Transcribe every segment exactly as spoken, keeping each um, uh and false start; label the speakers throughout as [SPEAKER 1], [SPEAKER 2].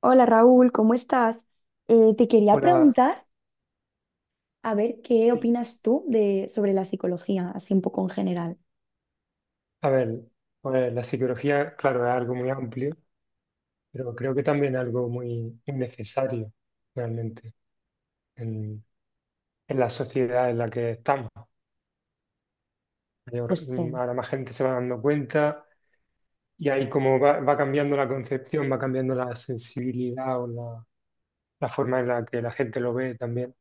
[SPEAKER 1] Hola Raúl, ¿cómo estás? Eh, te quería
[SPEAKER 2] Una,
[SPEAKER 1] preguntar, a ver, ¿qué
[SPEAKER 2] sí.
[SPEAKER 1] opinas tú de, sobre la psicología, así un poco en general?
[SPEAKER 2] A ver, pues la psicología, claro, es algo muy amplio, pero creo que también es algo muy, muy necesario realmente en, en la sociedad en la que estamos. Mayor-
[SPEAKER 1] Pues
[SPEAKER 2] mm,
[SPEAKER 1] sí,
[SPEAKER 2] ahora más gente se va dando cuenta y ahí como va, va cambiando la concepción, va cambiando la sensibilidad o la, la forma en la que la gente lo ve también,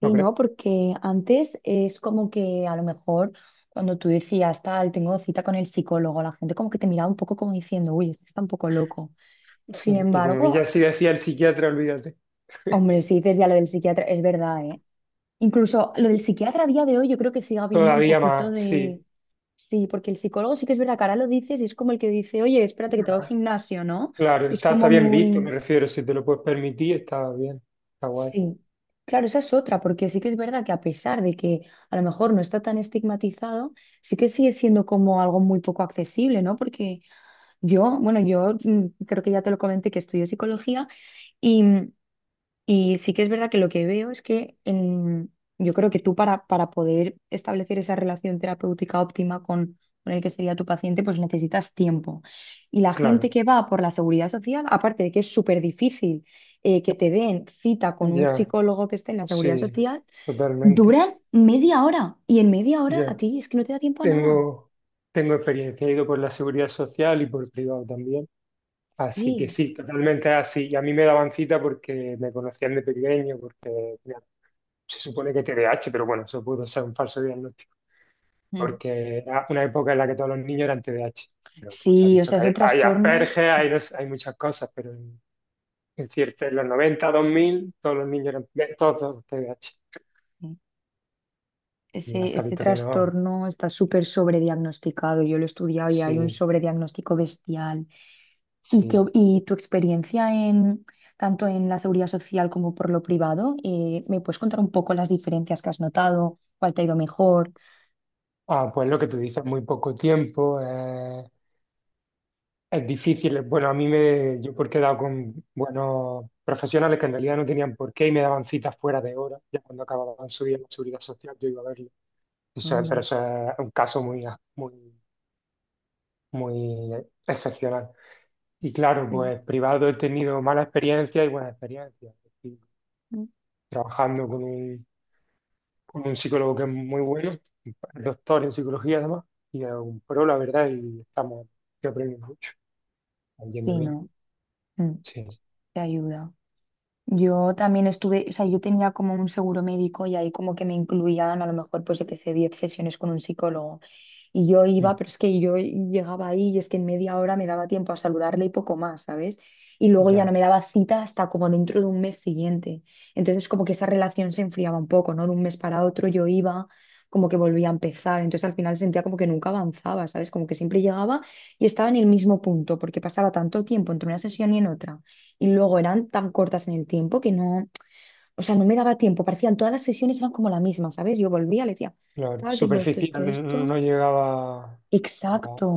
[SPEAKER 2] ¿no
[SPEAKER 1] sí,
[SPEAKER 2] crees?
[SPEAKER 1] ¿no? Porque antes es como que a lo mejor cuando tú decías, tal, tengo cita con el psicólogo, la gente como que te miraba un poco como diciendo, uy, este está un poco loco. Sin
[SPEAKER 2] Sí, y como ya
[SPEAKER 1] embargo,
[SPEAKER 2] sí decía el psiquiatra, olvídate,
[SPEAKER 1] hombre, si dices ya lo del psiquiatra, es verdad, ¿eh? Incluso lo del psiquiatra a día de hoy yo creo que sigue habiendo un
[SPEAKER 2] todavía
[SPEAKER 1] poquito
[SPEAKER 2] más,
[SPEAKER 1] de...
[SPEAKER 2] sí.
[SPEAKER 1] Sí, porque el psicólogo sí que es verdad que ahora lo dices y es como el que dice, oye, espérate que te voy al gimnasio, ¿no?
[SPEAKER 2] Claro,
[SPEAKER 1] Es
[SPEAKER 2] está, está
[SPEAKER 1] como
[SPEAKER 2] bien visto, me
[SPEAKER 1] muy...
[SPEAKER 2] refiero, si te lo puedes permitir, está bien, está guay.
[SPEAKER 1] Sí, claro, esa es otra, porque sí que es verdad que a pesar de que a lo mejor no está tan estigmatizado, sí que sigue siendo como algo muy poco accesible, ¿no? Porque yo, bueno, yo mm, creo que ya te lo comenté que estudio psicología y mm, y sí que es verdad que lo que veo es que en- yo creo que tú para, para poder establecer esa relación terapéutica óptima con, con el que sería tu paciente, pues necesitas tiempo. Y la gente
[SPEAKER 2] Claro,
[SPEAKER 1] que va por la seguridad social, aparte de que es súper difícil eh, que te den cita con un
[SPEAKER 2] ya,
[SPEAKER 1] psicólogo que esté en la seguridad
[SPEAKER 2] sí,
[SPEAKER 1] social,
[SPEAKER 2] totalmente.
[SPEAKER 1] duran media hora. Y en media hora a
[SPEAKER 2] Ya,
[SPEAKER 1] ti es que no te da tiempo a nada.
[SPEAKER 2] tengo, tengo experiencia, he ido por la seguridad social y por privado también. Así que
[SPEAKER 1] Sí.
[SPEAKER 2] sí, totalmente así. Y a mí me daban cita porque me conocían de pequeño, porque mira, se supone que T D A H, pero bueno, eso pudo ser un falso diagnóstico,
[SPEAKER 1] Mm.
[SPEAKER 2] porque era una época en la que todos los niños eran T D A H. Pero pues se ha
[SPEAKER 1] Sí, o
[SPEAKER 2] visto
[SPEAKER 1] sea,
[SPEAKER 2] que hay,
[SPEAKER 1] ese
[SPEAKER 2] hay
[SPEAKER 1] trastorno.
[SPEAKER 2] Asperger, hay, no sé, hay muchas cosas, pero en, en cierto, en los noventa, dos mil, todos los niños eran todos T D A H. Ya
[SPEAKER 1] Ese,
[SPEAKER 2] se ha
[SPEAKER 1] ese
[SPEAKER 2] visto que no,
[SPEAKER 1] trastorno está súper sobrediagnosticado. Yo lo he estudiado y hay un
[SPEAKER 2] sí.
[SPEAKER 1] sobrediagnóstico bestial. ¿Y, que,
[SPEAKER 2] Sí.
[SPEAKER 1] y tu experiencia en tanto en la seguridad social como por lo privado? Eh, ¿me puedes contar un poco las diferencias que has notado? ¿Cuál te ha ido mejor?
[SPEAKER 2] Ah, pues lo que tú dices, muy poco tiempo, eh, es difícil. Bueno, a mí me, yo porque he dado con buenos profesionales que en realidad no tenían por qué y me daban citas fuera de hora, ya cuando acababan su día en la seguridad social yo iba a verlo. Eso es-
[SPEAKER 1] Anda.
[SPEAKER 2] pero eso es un caso muy, muy, muy excepcional. Y claro,
[SPEAKER 1] Sí.
[SPEAKER 2] pues privado he tenido mala experiencia y buena experiencia. Es decir,
[SPEAKER 1] Mm.
[SPEAKER 2] trabajando con un con un psicólogo que es muy bueno, doctor en psicología además, y es un pro, la verdad, y estamos, yo aprendo mucho, estamos yendo
[SPEAKER 1] Sí,
[SPEAKER 2] bien,
[SPEAKER 1] no, mm,
[SPEAKER 2] sí,
[SPEAKER 1] te ayuda. Yo también estuve, o sea, yo tenía como un seguro médico y ahí como que me incluían a lo mejor pues yo que sé, diez sesiones con un psicólogo. Y yo iba,
[SPEAKER 2] mm,
[SPEAKER 1] pero es que yo llegaba ahí y es que en media hora me daba tiempo a saludarle y poco más, ¿sabes? Y luego ya no
[SPEAKER 2] ya,
[SPEAKER 1] me daba cita hasta como dentro de un mes siguiente. Entonces como que esa relación se enfriaba un poco, ¿no? De un mes para otro yo iba, como que volvía a empezar. Entonces al final sentía como que nunca avanzaba, ¿sabes? Como que siempre llegaba y estaba en el mismo punto, porque pasaba tanto tiempo entre una sesión y en otra. Y luego eran tan cortas en el tiempo que no, o sea, no me daba tiempo. Parecían todas las sesiones eran como la misma, ¿sabes? Yo volvía, le decía,
[SPEAKER 2] lo
[SPEAKER 1] tal, tengo esto, esto,
[SPEAKER 2] superficial
[SPEAKER 1] esto.
[SPEAKER 2] no llegaba a,
[SPEAKER 1] Exacto,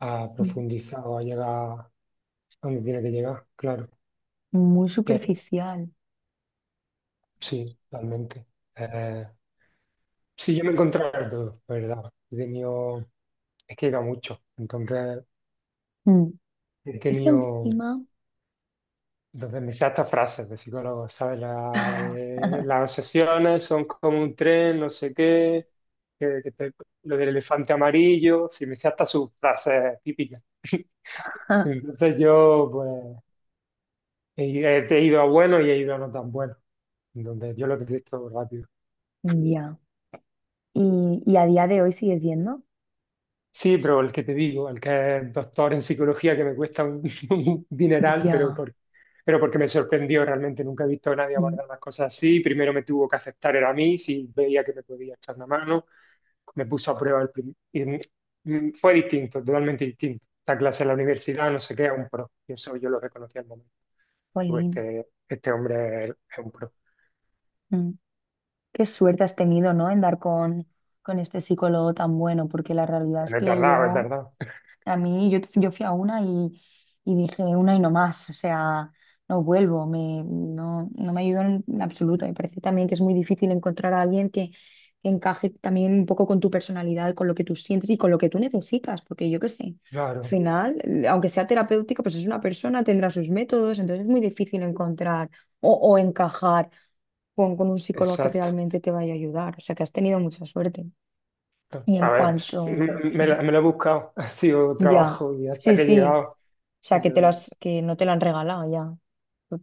[SPEAKER 2] a
[SPEAKER 1] mm,
[SPEAKER 2] profundizar o a llegar a donde tiene que llegar, claro,
[SPEAKER 1] muy
[SPEAKER 2] que-
[SPEAKER 1] superficial.
[SPEAKER 2] sí, totalmente. Eh, sí, yo me he encontrado de todo, la ¿verdad? He tenido, es que he ido a mucho, entonces
[SPEAKER 1] Mm.
[SPEAKER 2] he
[SPEAKER 1] Es que
[SPEAKER 2] tenido...
[SPEAKER 1] encima,
[SPEAKER 2] Entonces me sé hasta frases de psicólogos, ¿sabes? La de, las obsesiones son como un tren, no sé qué, que- que te- lo del elefante amarillo, sí, me sé hasta sus frases típicas. Entonces yo, pues, he, he ido a buenos y he ido a no tan buenos. Entonces yo lo he visto rápido.
[SPEAKER 1] ya, y, y a día de hoy sigues yendo.
[SPEAKER 2] Sí, pero el que te digo, el que es doctor en psicología, que me cuesta un, un dineral, pero,
[SPEAKER 1] Ya,
[SPEAKER 2] por- pero porque me sorprendió realmente. Nunca he visto a nadie
[SPEAKER 1] mm.
[SPEAKER 2] abordar las cosas así. Primero me tuvo que aceptar, era a mí, si veía que me podía echar una mano. Me puso a prueba el prim- y, mm, fue distinto, totalmente distinto. Esta clase en la universidad, no sé qué, es un pro. Y eso yo lo reconocí al momento. Tú,
[SPEAKER 1] Jolín,
[SPEAKER 2] Este, este hombre es, un pro.
[SPEAKER 1] mm. Qué suerte has tenido, ¿no? En dar con, con este psicólogo tan bueno, porque la realidad es
[SPEAKER 2] No es
[SPEAKER 1] que
[SPEAKER 2] tardado, es
[SPEAKER 1] yo
[SPEAKER 2] tardado.
[SPEAKER 1] a mí, yo, yo fui a una y, y dije una y no más, o sea, no vuelvo, me, no, no me ayudó en absoluto. Me parece también que es muy difícil encontrar a alguien que, que encaje también un poco con tu personalidad, con lo que tú sientes y con lo que tú necesitas, porque yo qué sé, al
[SPEAKER 2] Claro,
[SPEAKER 1] final, eh, aunque sea terapéutico, pues es una persona, tendrá sus métodos, entonces es muy difícil encontrar o, o encajar con, con un psicólogo que
[SPEAKER 2] exacto.
[SPEAKER 1] realmente te vaya a ayudar, o sea, que has tenido mucha suerte. Y en
[SPEAKER 2] A ver, pues, me,
[SPEAKER 1] cuanto,
[SPEAKER 2] me la- me lo he buscado, ha sido
[SPEAKER 1] ya,
[SPEAKER 2] trabajo y hasta
[SPEAKER 1] sí,
[SPEAKER 2] que he
[SPEAKER 1] sí.
[SPEAKER 2] llegado,
[SPEAKER 1] O sea,
[SPEAKER 2] y
[SPEAKER 1] que
[SPEAKER 2] yo,
[SPEAKER 1] te lo
[SPEAKER 2] eh,
[SPEAKER 1] has- que no te lo han regalado ya.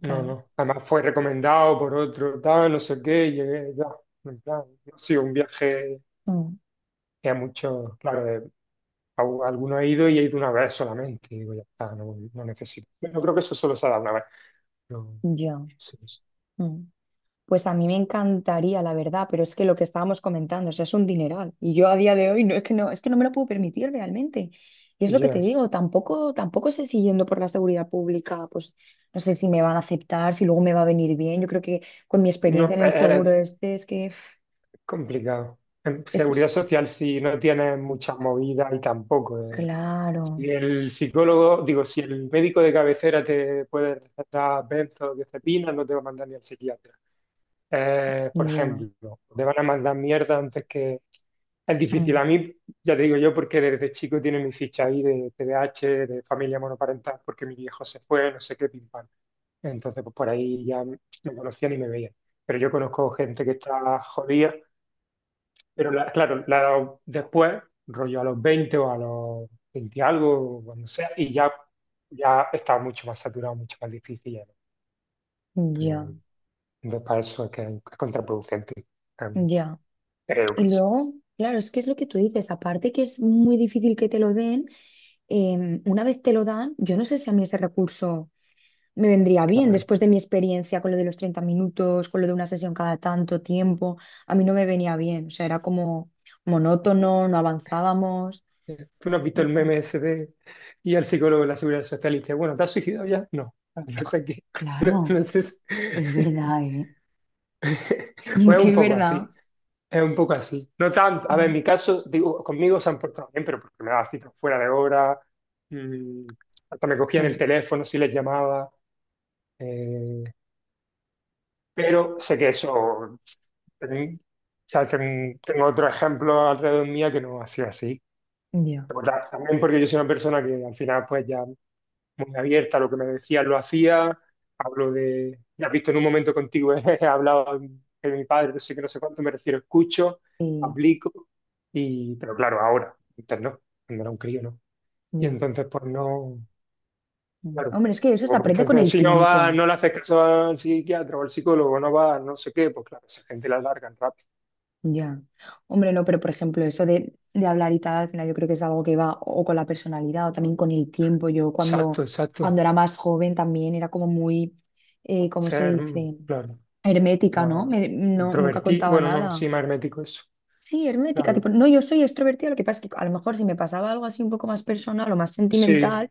[SPEAKER 2] no, no, además fue recomendado por otro, tal, no sé qué, y llegué, ya, en plan, no ha sido un viaje
[SPEAKER 1] Mm,
[SPEAKER 2] que a muchos, claro, de- a, u- alguno he ido y he ido una vez solamente, y digo, ya está, no, no necesito. Yo creo que eso solo se ha dado una vez, pero
[SPEAKER 1] ya.
[SPEAKER 2] sí,
[SPEAKER 1] Mm. Pues a mí me encantaría, la verdad, pero es que lo que estábamos comentando, o sea, es un dineral. Y yo a día de hoy no es que no, es que no me lo puedo permitir realmente. Y es lo que te
[SPEAKER 2] ya,
[SPEAKER 1] digo, tampoco, tampoco sé si yendo por la seguridad pública, pues no sé si me van a aceptar, si luego me va a venir bien. Yo creo que con mi
[SPEAKER 2] no,
[SPEAKER 1] experiencia en
[SPEAKER 2] e,
[SPEAKER 1] el
[SPEAKER 2] era
[SPEAKER 1] seguro este es que uf,
[SPEAKER 2] complicado. En
[SPEAKER 1] es
[SPEAKER 2] seguridad social, si no tienes muchas movidas y tampoco.
[SPEAKER 1] claro.
[SPEAKER 2] Si el psicólogo, digo, si el médico de cabecera te puede recetar benzodiazepinas, no te va a mandar ni al psiquiatra. Eh, por
[SPEAKER 1] Ya.
[SPEAKER 2] ejemplo, te van a mandar mierda antes que... Es difícil.
[SPEAKER 1] Mm,
[SPEAKER 2] A mí, ya te digo yo, porque desde chico tiene mi ficha ahí de T D A H de familia monoparental, porque mi viejo se fue, no sé qué, pim pam. Entonces, pues por ahí ya me conocían y me veían. Pero yo conozco gente que está jodida pero la- claro, la- después, rollo a los veinte o a los veinte y algo, o cuando sea, y ya, ya está mucho más saturado, mucho más difícil. ya no-
[SPEAKER 1] ya.
[SPEAKER 2] no- entonces, para eso es que es contraproducente, realmente.
[SPEAKER 1] Ya.
[SPEAKER 2] Creo
[SPEAKER 1] Y
[SPEAKER 2] que sí,
[SPEAKER 1] luego, claro, es que es lo que tú dices, aparte que es muy difícil que te lo den, em, una vez te lo dan, yo no sé si a mí ese recurso me vendría bien
[SPEAKER 2] claro.
[SPEAKER 1] después de mi experiencia con lo de los treinta minutos, con lo de una sesión cada tanto tiempo, a mí no me venía bien, o sea, era como monótono, no avanzábamos.
[SPEAKER 2] Eh, ¿Tú no has visto el
[SPEAKER 1] Entonces,
[SPEAKER 2] meme ese de y al psicólogo de la Seguridad Social y dice, bueno, ¿te has suicidado ya? No, Ah, no sé qué.
[SPEAKER 1] claro,
[SPEAKER 2] Entonces,
[SPEAKER 1] es verdad, ¿eh? Es
[SPEAKER 2] pues es
[SPEAKER 1] que
[SPEAKER 2] un
[SPEAKER 1] es
[SPEAKER 2] poco
[SPEAKER 1] verdad.
[SPEAKER 2] así. Es un poco así. No tanto. A ver, en
[SPEAKER 1] Mm,
[SPEAKER 2] mi caso, digo, conmigo se han portado bien, pero porque me daba citas fuera de hora, mm, hasta me cogían el
[SPEAKER 1] mm,
[SPEAKER 2] teléfono si les llamaba. eh, pero sé que eso. ten- o sea, ten- tengo otro ejemplo alrededor mía que no ha sido así.
[SPEAKER 1] ya,
[SPEAKER 2] Pero ta- También porque yo soy una persona que al final, pues ya. Muy abierta, lo que me decía lo hacía, hablo de, ya has visto en un momento contigo, he hablado de mi padre, no sé qué, no sé cuánto, me refiero, escucho,
[SPEAKER 1] sí.
[SPEAKER 2] aplico, y, pero claro, ahora, antes no, cuando era un crío, ¿no? Y
[SPEAKER 1] Ya.
[SPEAKER 2] entonces, pues no,
[SPEAKER 1] Mm.
[SPEAKER 2] claro,
[SPEAKER 1] Hombre, es que eso
[SPEAKER 2] o
[SPEAKER 1] se
[SPEAKER 2] por
[SPEAKER 1] aprende con
[SPEAKER 2] ejemplo,
[SPEAKER 1] el
[SPEAKER 2] si no va,
[SPEAKER 1] tiempo.
[SPEAKER 2] no le haces caso al psiquiatra o al psicólogo, no va, no sé qué, pues claro, esa gente la largan rápido.
[SPEAKER 1] Ya. Hombre, no, pero por ejemplo, eso de, de hablar y tal, al final yo creo que es algo que va o con la personalidad o también con el tiempo. Yo
[SPEAKER 2] Exacto,
[SPEAKER 1] cuando,
[SPEAKER 2] exacto,
[SPEAKER 1] cuando era más joven también era como muy, eh, ¿cómo se
[SPEAKER 2] ser, mm,
[SPEAKER 1] dice?
[SPEAKER 2] claro,
[SPEAKER 1] Hermética, ¿no?
[SPEAKER 2] más
[SPEAKER 1] Me- no, nunca
[SPEAKER 2] introvertido,
[SPEAKER 1] contaba
[SPEAKER 2] bueno, no,
[SPEAKER 1] nada.
[SPEAKER 2] sí, más hermético eso,
[SPEAKER 1] Sí, hermética,
[SPEAKER 2] claro,
[SPEAKER 1] tipo, no, yo soy extrovertida, lo que pasa es que a lo mejor si me pasaba algo así un poco más personal o más
[SPEAKER 2] sí,
[SPEAKER 1] sentimental,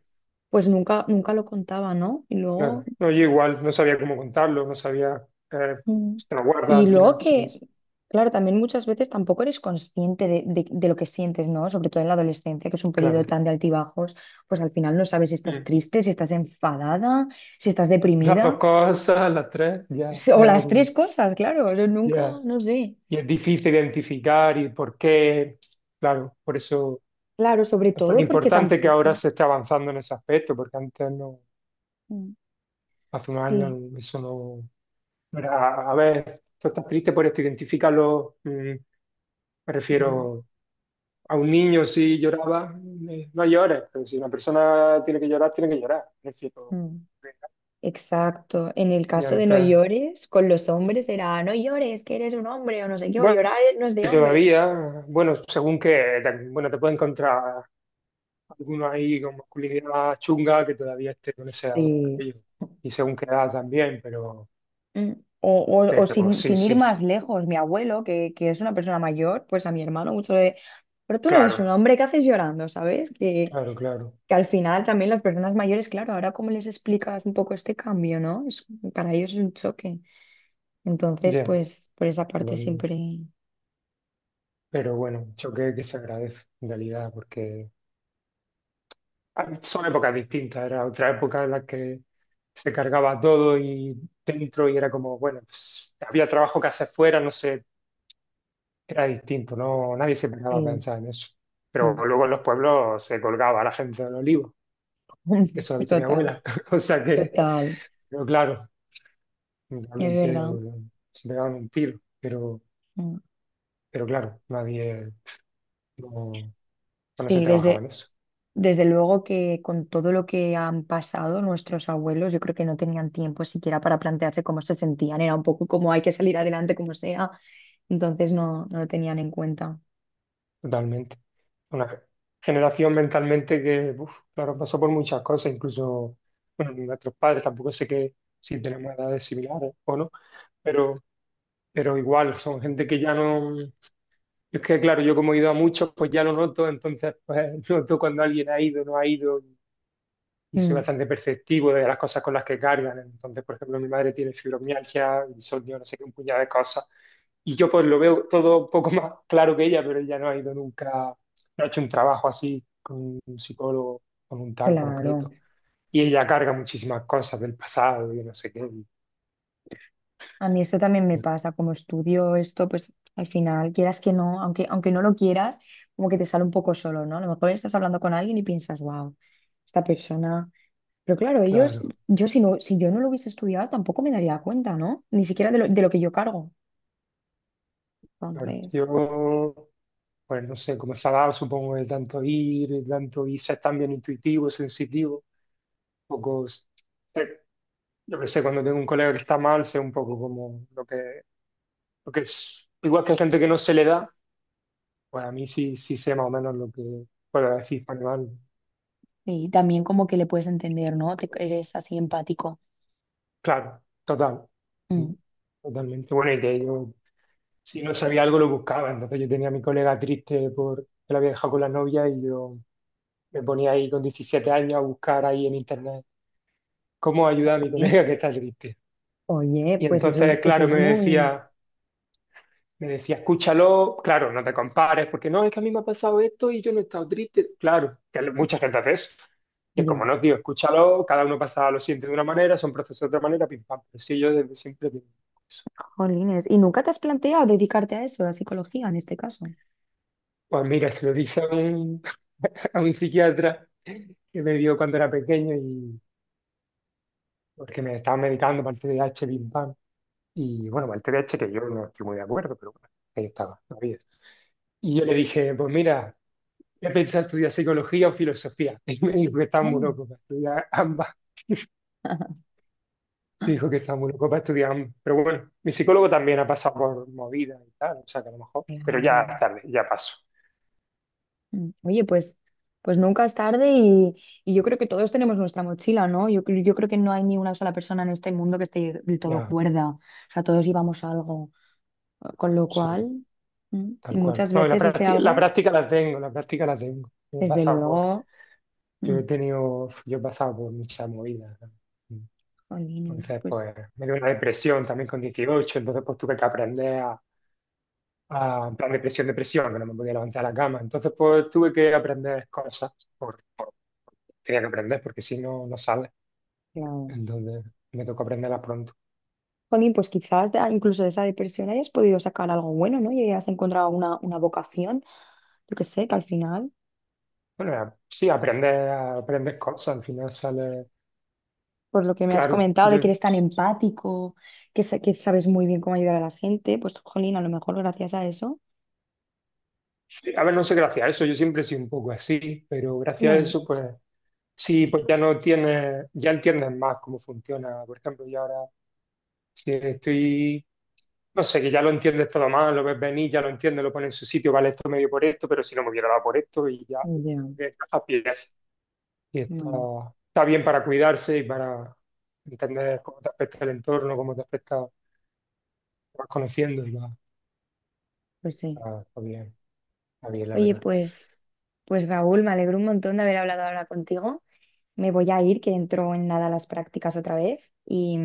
[SPEAKER 1] pues nunca, nunca lo contaba, ¿no? Y luego...
[SPEAKER 2] claro. No, yo igual no sabía cómo contarlo, no sabía. eh,
[SPEAKER 1] Mm.
[SPEAKER 2] si te lo guarda
[SPEAKER 1] Y
[SPEAKER 2] al
[SPEAKER 1] luego
[SPEAKER 2] final,
[SPEAKER 1] que,
[SPEAKER 2] sí,
[SPEAKER 1] claro, también muchas veces tampoco eres consciente de, de- de lo que sientes, ¿no? Sobre todo en la adolescencia, que es un periodo
[SPEAKER 2] claro.
[SPEAKER 1] tan de altibajos, pues al final no sabes si estás
[SPEAKER 2] Mm.
[SPEAKER 1] triste, si estás enfadada, si estás
[SPEAKER 2] Las
[SPEAKER 1] deprimida,
[SPEAKER 2] dos cosas, las tres, ya.
[SPEAKER 1] si- o
[SPEAKER 2] eh,
[SPEAKER 1] las tres cosas, claro, yo nunca,
[SPEAKER 2] ya.
[SPEAKER 1] no sé.
[SPEAKER 2] Y es difícil identificar y por qué. Claro, por eso
[SPEAKER 1] Claro, sobre
[SPEAKER 2] es tan
[SPEAKER 1] todo porque
[SPEAKER 2] importante que ahora
[SPEAKER 1] tampoco.
[SPEAKER 2] se esté avanzando en ese aspecto, porque antes no,
[SPEAKER 1] Mm.
[SPEAKER 2] hace unos años
[SPEAKER 1] Sí,
[SPEAKER 2] eso no no era. A ver, tú estás triste por esto, identifícalo. mm, Me
[SPEAKER 1] ya.
[SPEAKER 2] refiero. A un niño si lloraba, eh, no llores, pero si una persona tiene que llorar, tiene que llorar. Es decir, o-
[SPEAKER 1] Mm. Exacto. En el
[SPEAKER 2] y
[SPEAKER 1] caso de no
[SPEAKER 2] antes,
[SPEAKER 1] llores, con los hombres era no llores, que eres un hombre o no sé qué, o
[SPEAKER 2] bueno,
[SPEAKER 1] llorar no es de hombres.
[SPEAKER 2] todavía, bueno, según que, te- bueno, te puede encontrar alguno ahí con masculinidad chunga que todavía esté con ese
[SPEAKER 1] Sí.
[SPEAKER 2] aquello. Y según qué edad también, pero,
[SPEAKER 1] Mm. O, o- o
[SPEAKER 2] pero
[SPEAKER 1] sin,
[SPEAKER 2] sí,
[SPEAKER 1] sin ir
[SPEAKER 2] sí,
[SPEAKER 1] más lejos, mi abuelo, que, que es una persona mayor, pues a mi hermano mucho de, pero tú no eres un
[SPEAKER 2] claro,
[SPEAKER 1] hombre, ¿qué haces llorando? ¿Sabes? Que,
[SPEAKER 2] claro, claro,
[SPEAKER 1] que al final también las personas mayores, claro, ahora cómo les explicas un poco este cambio, ¿no? Es- para ellos es un choque. Entonces,
[SPEAKER 2] ya,
[SPEAKER 1] pues por esa parte
[SPEAKER 2] totalmente.
[SPEAKER 1] siempre...
[SPEAKER 2] Pero bueno, un choque que se agradece en realidad, porque son épocas distintas, era otra época en la que se cargaba todo y dentro y era como, bueno, pues, había trabajo que hacer fuera, no sé, era distinto, no, nadie se pegaba a
[SPEAKER 1] Sí.
[SPEAKER 2] pensar en eso.
[SPEAKER 1] Mm.
[SPEAKER 2] Pero luego en los pueblos se colgaba a la gente del olivo, que eso lo ha visto mi
[SPEAKER 1] Total,
[SPEAKER 2] abuela, o sea que,
[SPEAKER 1] total,
[SPEAKER 2] pero claro,
[SPEAKER 1] es
[SPEAKER 2] realmente
[SPEAKER 1] verdad.
[SPEAKER 2] bueno, se pegaban un tiro, pero,
[SPEAKER 1] Mm.
[SPEAKER 2] pero claro, nadie, no, no se
[SPEAKER 1] Sí,
[SPEAKER 2] trabajaba
[SPEAKER 1] desde...
[SPEAKER 2] en eso,
[SPEAKER 1] Desde luego que con todo lo que han pasado nuestros abuelos, yo creo que no tenían tiempo siquiera para plantearse cómo se sentían. Era un poco como hay que salir adelante como sea. Entonces no, no lo tenían en cuenta.
[SPEAKER 2] totalmente. Una generación mentalmente que, uf, claro, pasó por muchas cosas, incluso, bueno, nuestros padres, tampoco sé que si tenemos edades similares o no, pero, pero igual, son gente que ya no... Es que, claro, yo como he ido a muchos, pues ya lo noto, entonces, pues noto cuando alguien ha ido, no ha ido, y soy
[SPEAKER 1] Mm,
[SPEAKER 2] bastante perceptivo de las cosas con las que cargan. Entonces, por ejemplo, mi madre tiene fibromialgia, insomnio, no sé qué, un puñado de cosas. Y yo pues lo veo todo un poco más claro que ella, pero ella no ha ido nunca, no ha hecho un trabajo así con un psicólogo, con un tal
[SPEAKER 1] claro.
[SPEAKER 2] concreto. Y ella carga muchísimas cosas del pasado y no sé qué. Y-
[SPEAKER 1] A mí eso también me
[SPEAKER 2] y
[SPEAKER 1] pasa. Como estudio esto, pues al final, quieras que no, aunque, aunque no lo quieras, como que te sale un poco solo, ¿no? A lo mejor estás hablando con alguien y piensas, wow, esta persona. Pero claro, ellos,
[SPEAKER 2] claro,
[SPEAKER 1] yo si no, si yo no lo hubiese estudiado, tampoco me daría cuenta, ¿no? Ni siquiera de lo, de lo que yo cargo.
[SPEAKER 2] claro.
[SPEAKER 1] Entonces.
[SPEAKER 2] Yo, bueno, no sé, como se ha dado, supongo, de tanto ir, de tanto y ser tan bien intuitivo, sensitivo, un poco yo que sé, cuando tengo un colega que está mal, sé un poco como lo que, lo que es. Igual que hay gente que no se le da, pues a mí sí, sí sé más o menos lo que puedo decir para mal.
[SPEAKER 1] Y también como que le puedes entender, ¿no? Te- eres así empático.
[SPEAKER 2] Claro, total. mm,
[SPEAKER 1] Mm.
[SPEAKER 2] Totalmente. Bueno, y que yo, si no sabía algo, lo buscaba. Entonces yo tenía a mi colega triste por que la había dejado con la novia y yo me ponía ahí con diecisiete años a buscar ahí en internet cómo ayudar a mi
[SPEAKER 1] Bien.
[SPEAKER 2] colega que está triste.
[SPEAKER 1] Oye,
[SPEAKER 2] Y
[SPEAKER 1] pues eso es,
[SPEAKER 2] entonces,
[SPEAKER 1] eso
[SPEAKER 2] claro,
[SPEAKER 1] es
[SPEAKER 2] me
[SPEAKER 1] muy...
[SPEAKER 2] decía. Me decía, escúchalo, claro, no te compares, porque no, es que a mí me ha pasado esto y yo no he estado triste. Claro, que mucha gente hace eso. Y es
[SPEAKER 1] ya.
[SPEAKER 2] como, no, tío, escúchalo, cada uno pasa lo siguiente de una manera, son procesos de otra manera, pim pam. Pero sí, yo desde siempre tengo eso.
[SPEAKER 1] Jolines, ¿y nunca te has planteado dedicarte a eso, a psicología en este caso?
[SPEAKER 2] Pues mira, se lo dije a un, a un psiquiatra que me vio cuando era pequeño y porque me estaba medicando para el T D A H pim pam. Y bueno, para el T D A H que yo no estoy muy de acuerdo, pero bueno, ahí estaba, no había. Y yo le dije, pues mira. Yo pensaba estudiar psicología o filosofía. Y me dijo que estaba muy
[SPEAKER 1] Mm.
[SPEAKER 2] loco para estudiar ambas. Me dijo que estaba muy loco para estudiar ambas. Pero bueno, mi psicólogo también ha pasado por movidas y tal, o sea que a lo mejor. Pero ya es
[SPEAKER 1] Claro.
[SPEAKER 2] tarde, ya paso.
[SPEAKER 1] Mm. Oye, pues, pues nunca es tarde y, y yo creo que todos tenemos nuestra mochila, ¿no? Yo, cre- yo creo que no hay ni una sola persona en este mundo que esté del todo
[SPEAKER 2] Ya,
[SPEAKER 1] cuerda. O sea, todos llevamos algo. Con lo
[SPEAKER 2] sí,
[SPEAKER 1] cual, mm,
[SPEAKER 2] tal cual.
[SPEAKER 1] muchas
[SPEAKER 2] No, y la
[SPEAKER 1] veces ese
[SPEAKER 2] práctica, la
[SPEAKER 1] algo,
[SPEAKER 2] práctica la tengo, la práctica la tengo. Yo he
[SPEAKER 1] desde
[SPEAKER 2] pasado por,
[SPEAKER 1] luego. Mm,
[SPEAKER 2] yo he tenido, yo he pasado por muchas movidas. ¿No?
[SPEAKER 1] jolines,
[SPEAKER 2] Entonces,
[SPEAKER 1] pues,
[SPEAKER 2] pues, me dio una depresión también con dieciocho. Entonces pues tuve que aprender a, ah, en plan depresión, depresión, que no me podía levantar de la cama. Entonces, pues tuve que aprender cosas, por, por- tenía que aprender, porque si no, no sale.
[SPEAKER 1] claro.
[SPEAKER 2] Entonces, me tocó aprenderlas pronto.
[SPEAKER 1] Jolín, pues quizás de- incluso de esa depresión hayas podido sacar algo bueno, ¿no? Y hayas encontrado una, una vocación, yo que sé, que al final,
[SPEAKER 2] Bueno, era- sí, aprendes, aprendes cosas, al final sale,
[SPEAKER 1] por lo que me has
[SPEAKER 2] claro,
[SPEAKER 1] comentado, de que
[SPEAKER 2] yo
[SPEAKER 1] eres tan empático, que, sa- que sabes muy bien cómo ayudar a la gente, pues, jolín, a lo mejor gracias a eso.
[SPEAKER 2] sí, a ver, no sé, gracias a eso, yo siempre soy un poco así, pero gracias a
[SPEAKER 1] Bueno,
[SPEAKER 2] eso, pues sí, pues ya no tienes, ya entiendes más cómo funciona. Por ejemplo, yo ahora, si estoy, no sé, que ya lo entiendes todo más, lo ves venir, ya lo entiendes, lo pones en su sitio, vale, esto medio por esto, pero si no me hubiera dado por esto, y ya,
[SPEAKER 1] ya,
[SPEAKER 2] eh, a pies. Y está,
[SPEAKER 1] bueno,
[SPEAKER 2] está bien para cuidarse y para entender cómo te afecta el entorno, cómo te afecta, te vas conociendo y va,
[SPEAKER 1] pues sí.
[SPEAKER 2] está, está bien, está bien, la
[SPEAKER 1] Oye,
[SPEAKER 2] verdad.
[SPEAKER 1] pues, pues Raúl, me alegro un montón de haber hablado ahora contigo. Me voy a ir, que entro en nada a las prácticas otra vez y,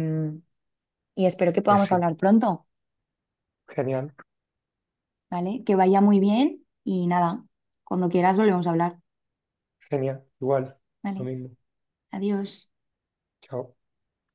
[SPEAKER 1] y espero que
[SPEAKER 2] Pues
[SPEAKER 1] podamos
[SPEAKER 2] sí,
[SPEAKER 1] hablar pronto.
[SPEAKER 2] genial.
[SPEAKER 1] ¿Vale? Que vaya muy bien y nada, cuando quieras volvemos a hablar,
[SPEAKER 2] Genial, igual,
[SPEAKER 1] ¿vale?
[SPEAKER 2] lo mismo.
[SPEAKER 1] Adiós.
[SPEAKER 2] Chao.